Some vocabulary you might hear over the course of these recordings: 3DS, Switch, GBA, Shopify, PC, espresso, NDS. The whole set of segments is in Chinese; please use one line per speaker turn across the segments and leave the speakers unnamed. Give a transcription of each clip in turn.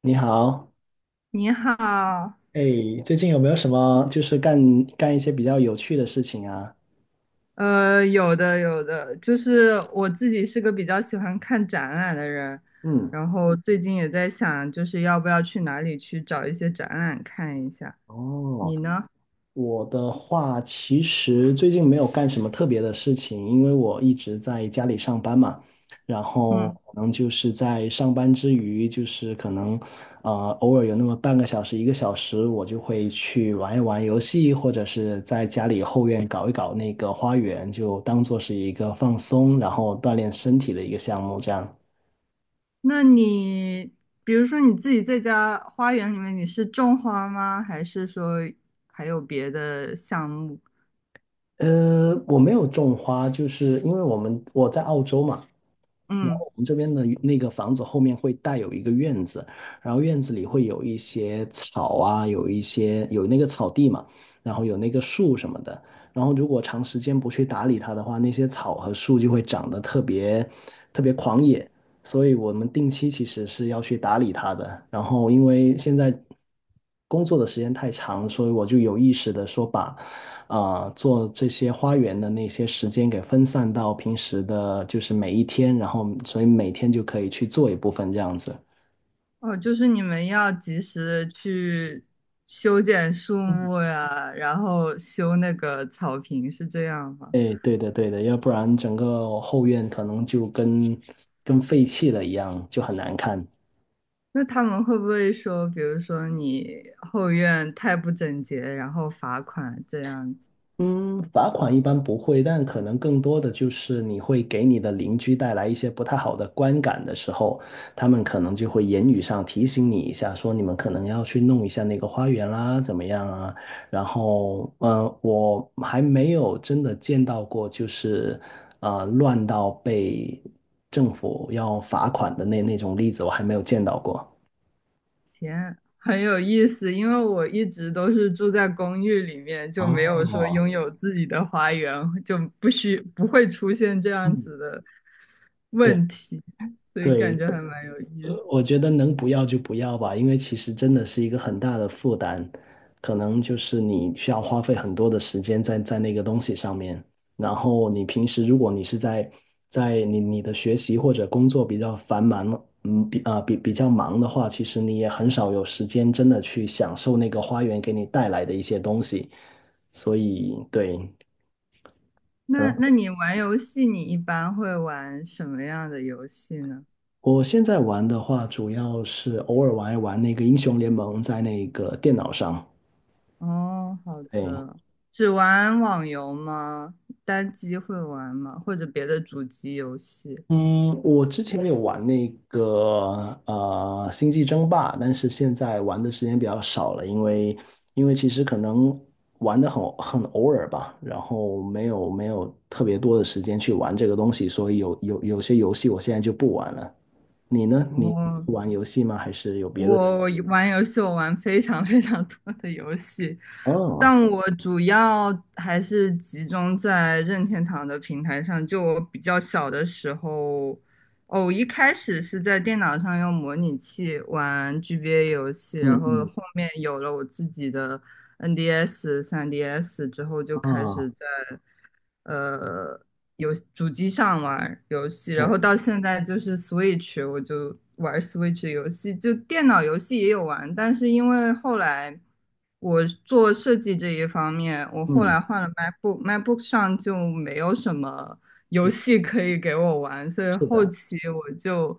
你好，
你好，
哎，最近有没有什么就是干一些比较有趣的事情啊？
有的有的，就是我自己是个比较喜欢看展览的人，
嗯，
然后最近也在想，就是要不要去哪里去找一些展览看一下。
哦，
你呢？
我的话其实最近没有干什么特别的事情，因为我一直在家里上班嘛，然后
嗯，
可能就是在上班之余，就是可能呃偶尔有那么半个小时、一个小时，我就会去玩一玩游戏，或者是在家里后院搞一搞那个花园，就当做是一个放松，然后锻炼身体的一个项目这样。
那你比如说你自己在家花园里面，你是种花吗？还是说还有别的项目？
呃，我没有种花，就是因为我在澳洲嘛，然后
嗯。
我们这边的那个房子后面会带有一个院子，然后院子里会有一些草啊，有一些有那个草地嘛，然后有那个树什么的，然后如果长时间不去打理它的话，那些草和树就会长得特别狂野，所以我们定期其实是要去打理它的。然后因为现在工作的时间太长，所以我就有意识的说把。啊、做这些花园的那些时间给分散到平时的，就是每一天，然后所以每天就可以去做一部分这样子。
哦，就是你们要及时的去修剪树木呀，然后修那个草坪，是这样吗？
哎，对的对的，要不然整个后院可能就跟废弃了一样，就很难看。
那他们会不会说，比如说你后院太不整洁，然后罚款这样子？
嗯，罚款一般不会，但可能更多的就是你会给你的邻居带来一些不太好的观感的时候，他们可能就会言语上提醒你一下，说你们可能要去弄一下那个花园啦，怎么样啊？然后，嗯，我还没有真的见到过，就是呃，乱到被政府要罚款的那种例子，我还没有见到过。
天，很有意思，因为我一直都是住在公寓里面，就没有说
哦，
拥有自己的花园，就不会出现这样
嗯，
子的
对
问题，所以感
对，
觉还蛮有意
呃，
思。
我觉得能不要就不要吧，因为其实真的是一个很大的负担，可能就是你需要花费很多的时间在那个东西上面。然后你平时如果你是在你的学习或者工作比较繁忙了嗯，比啊、比比较忙的话，其实你也很少有时间真的去享受那个花园给你带来的一些东西。所以对，可
那
能
那你玩游戏，你一般会玩什么样的游戏呢？
我现在玩的话，主要是偶尔玩一玩那个英雄联盟在那个电脑上，
哦，好
对。
的，只玩网游吗？单机会玩吗？或者别的主机游戏？
嗯，我之前有玩那个呃《星际争霸》，但是现在玩的时间比较少了，因为因为其实可能玩的很偶尔吧，然后没有特别多的时间去玩这个东西，所以有些游戏我现在就不玩了。你呢？你
哦，
不玩游戏吗？还是有别的？
我玩游戏，我玩非常非常多的游戏，
哦，
但我主要还是集中在任天堂的平台上。就我比较小的时候，哦，一开始是在电脑上用模拟器玩 GBA 游戏，然
嗯
后
嗯
后面有了我自己的 NDS、3DS 之后，就开
啊，
始在呃游主机上玩游戏，然
对，
后到现在就是 Switch，我就玩 Switch 游戏，就电脑游戏也有玩，但是因为后来我做设计这一方面，我后
嗯，
来换了 MacBook，MacBook 上就没有什么游
有
戏可以给我玩，所以
是
后
的，
期我就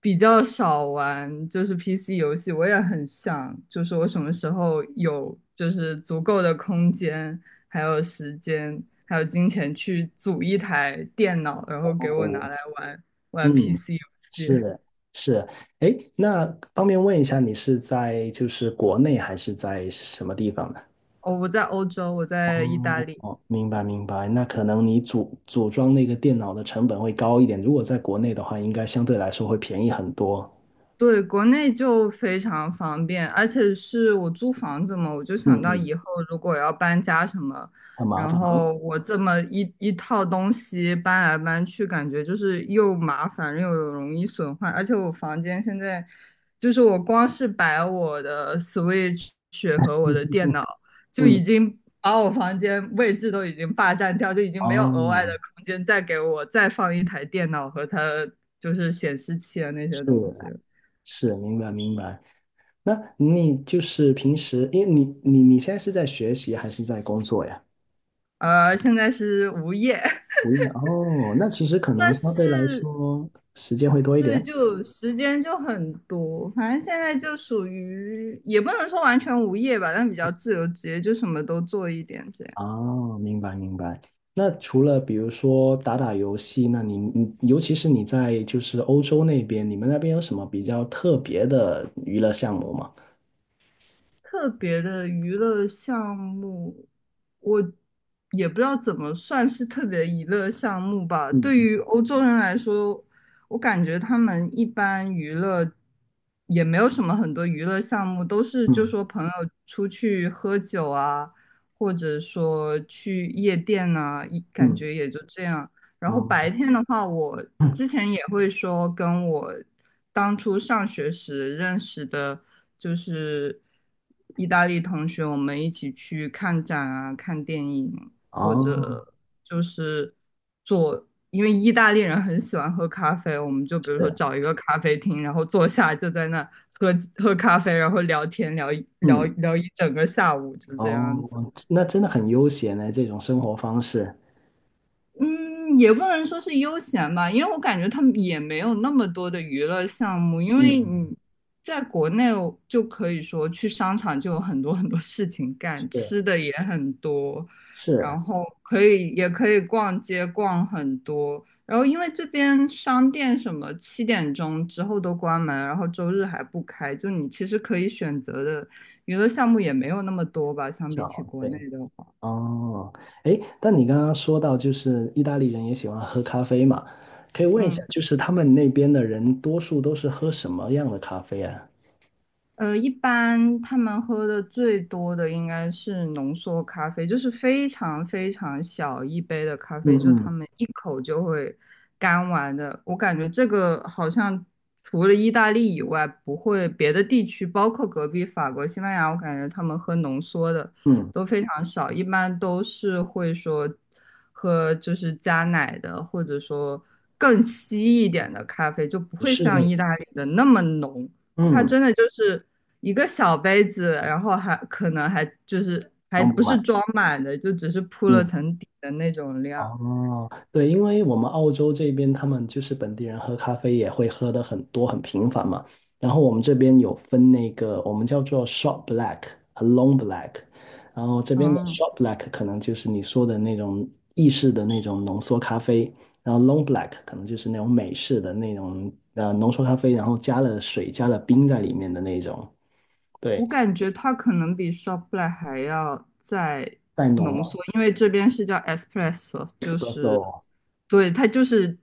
比较少玩，就是 PC 游戏，我也很想，就是我什么时候有就是足够的空间。还有时间，还有金钱去组一台电脑，然后给我
哦。
拿来玩玩
嗯，
PC 游戏。
是是，哎，那方便问一下，你是在就是国内还是在什么地方呢？
哦，我在欧洲，我在意大
哦
利。
哦，明白明白，那可能你组装那个电脑的成本会高一点，如果在国内的话，应该相对来说会便宜很多。
对，国内就非常方便，而且是我租房子嘛，我就
嗯
想到
嗯，
以后如果要搬家什么，
很麻
然
烦啊。
后我这么一套东西搬来搬去，感觉就是又麻烦又容易损坏，而且我房间现在就是我光是摆我的 Switch 和我的电
嗯
脑，就已
嗯，
经把我房间位置都已经霸占掉，就已经没有额外的
哦，
空间再给我再放一台电脑和它就是显示器啊那些
是
东西。
是，明白明白。那你就是平时，因为你现在是在学习还是在工作呀？
现在是无业，
不用哦，那其实可 能
但
相对来
是
说时间会多一
对，
点。
就时间就很多，反正现在就属于也不能说完全无业吧，但比较自由职业，就什么都做一点这样。
哦，明白明白。那除了比如说打打游戏，那你尤其是你在就是欧洲那边，你们那边有什么比较特别的娱乐项目吗？
特别的娱乐项目，我也不知道怎么算是特别的娱乐项目吧。对
嗯
于欧洲人来说，我感觉他们一般娱乐也没有什么很多娱乐项目，都是就
嗯
说朋友出去喝酒啊，或者说去夜店呐，一
嗯
感
嗯
觉也就这样。然后白
哦
天的话，我之前也会说跟我当初上学时认识的，就是意大利同学，我们一起去看展啊、看电影，或
哦
者就是做，因为意大利人很喜欢喝咖啡，我们就比如说
是
找一个咖啡厅，然后坐下就在那喝喝咖啡，然后聊天聊一聊
嗯
聊一整个下午，就这样子。
哦，那真的很悠闲呢，这种生活方式。
嗯，也不能说是悠闲吧，因为我感觉他们也没有那么多的娱乐项目，因为
嗯，
你在国内就可以说去商场就有很多很多事情干，
是
吃的也很多，
是，
然后可以也可以逛街逛很多，然后因为这边商店什么7点钟之后都关门，然后周日还不开，就你其实可以选择的娱乐项目也没有那么多吧，相比起
少
国
对。
内的话，
哦，哎，但你刚刚说到，就是意大利人也喜欢喝咖啡嘛，可以问一下，
嗯。
就是他们那边的人多数都是喝什么样的咖啡啊？
一般他们喝的最多的应该是浓缩咖啡，就是非常非常小一杯的咖
嗯
啡，就是他
嗯
们一口就会干完的。我感觉这个好像除了意大利以外，不会别的地区，包括隔壁法国、西班牙，我感觉他们喝浓缩的
嗯，
都非常少，一般都是会说喝就是加奶的，或者说更稀一点的咖啡，就不
你
会
是
像
那
意大利的那么浓。它
嗯，
真的就是一个小杯子，然后还可能还就是还
嗯。
不
买，
是装满的，就只是铺了层底的那种量。
哦，对，因为我们澳洲这边他们就是本地人喝咖啡也会喝的很多很频繁嘛，然后我们这边有分那个我们叫做 short black 和 long black，然后这边的
嗯，
short black 可能就是你说的那种意式的那种浓缩咖啡，然后 long black 可能就是那种美式的那种呃浓缩咖啡，然后加了水加了冰在里面的那种，
我
对，
感觉它可能比 Shopify 还要再
再浓
浓
嘛
缩，因为这边是叫 espresso，就是
，espresso，
对，它就是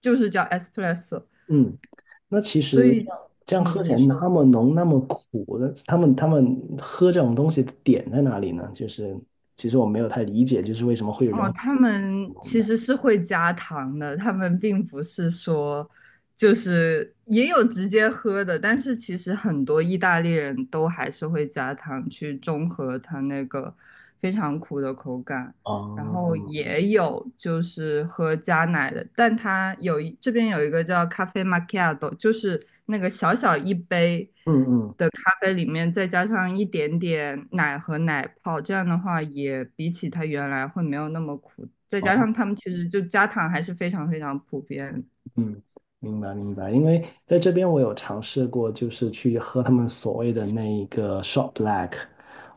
就是叫 espresso，
嗯那其
所
实
以
这样喝起
你
来那
说。
么浓那么苦的，他们喝这种东西的点在哪里呢？就是其实我没有太理解，就是为什么会有人
哦，
会
他们
浓
其
的。
实是会加糖的，他们并不是说就是也有直接喝的，但是其实很多意大利人都还是会加糖去中和它那个非常苦的口感，然后
哦，
也有就是喝加奶的，但它这边有一个叫咖啡 m a c c 就是那个小小一杯。
嗯嗯，
咖啡里面再加上一点点奶和奶泡，这样的话也比起它原来会没有那么苦。再加
哦，
上他们其实就加糖还是非常非常普遍。
嗯，明白明白。因为在这边我有尝试过，就是去喝他们所谓的那一个 shot black，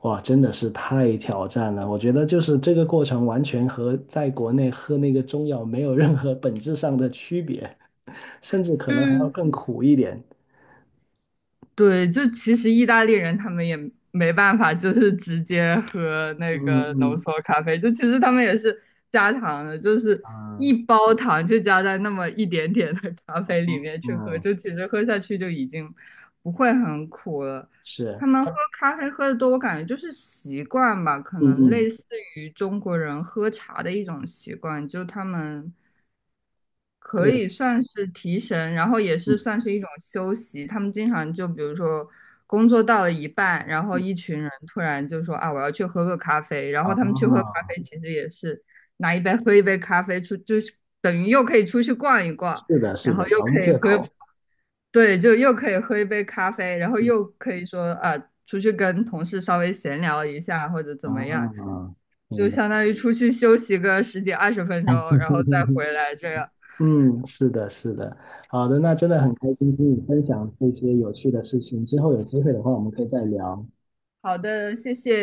哇，真的是太挑战了。我觉得就是这个过程完全和在国内喝那个中药没有任何本质上的区别，甚至可能还要
嗯。
更苦一点。
对，就其实意大利人他们也没办法，就是直接喝那
嗯
个浓
嗯
缩咖啡，就其实他们也是加糖的，就是
啊，
一包糖就加在那么一点点的咖啡里面去喝，
嗯，
就其实喝下去就已经不会很苦了。
是，
他们喝咖啡喝的多，我感觉就是习惯吧，可
嗯
能
嗯，
类似于中国人喝茶的一种习惯，就他们可
对，
以算是提神，然后也是
嗯
算是一种休息。他们经常就比如说工作到了一半，然后
嗯，
一群人突然就说啊，我要去喝个咖啡。然后他们去喝咖
啊，
啡，其实也是拿一杯喝一杯咖啡出，就是等于又可以出去逛一逛，
是的，是
然后
的，
又
找个
可以
借
喝，
口。
对，就又可以喝一杯咖啡，然后
嗯
又可以说啊，出去跟同事稍微闲聊一下或者怎
啊，
么样，就
明白。
相当于出去休息个十几二十分钟，然后再 回来这样。
嗯，是的，是的，好的，那真的很开心听你分享这些有趣的事情。之后有机会的话，我们可以再聊。
好的。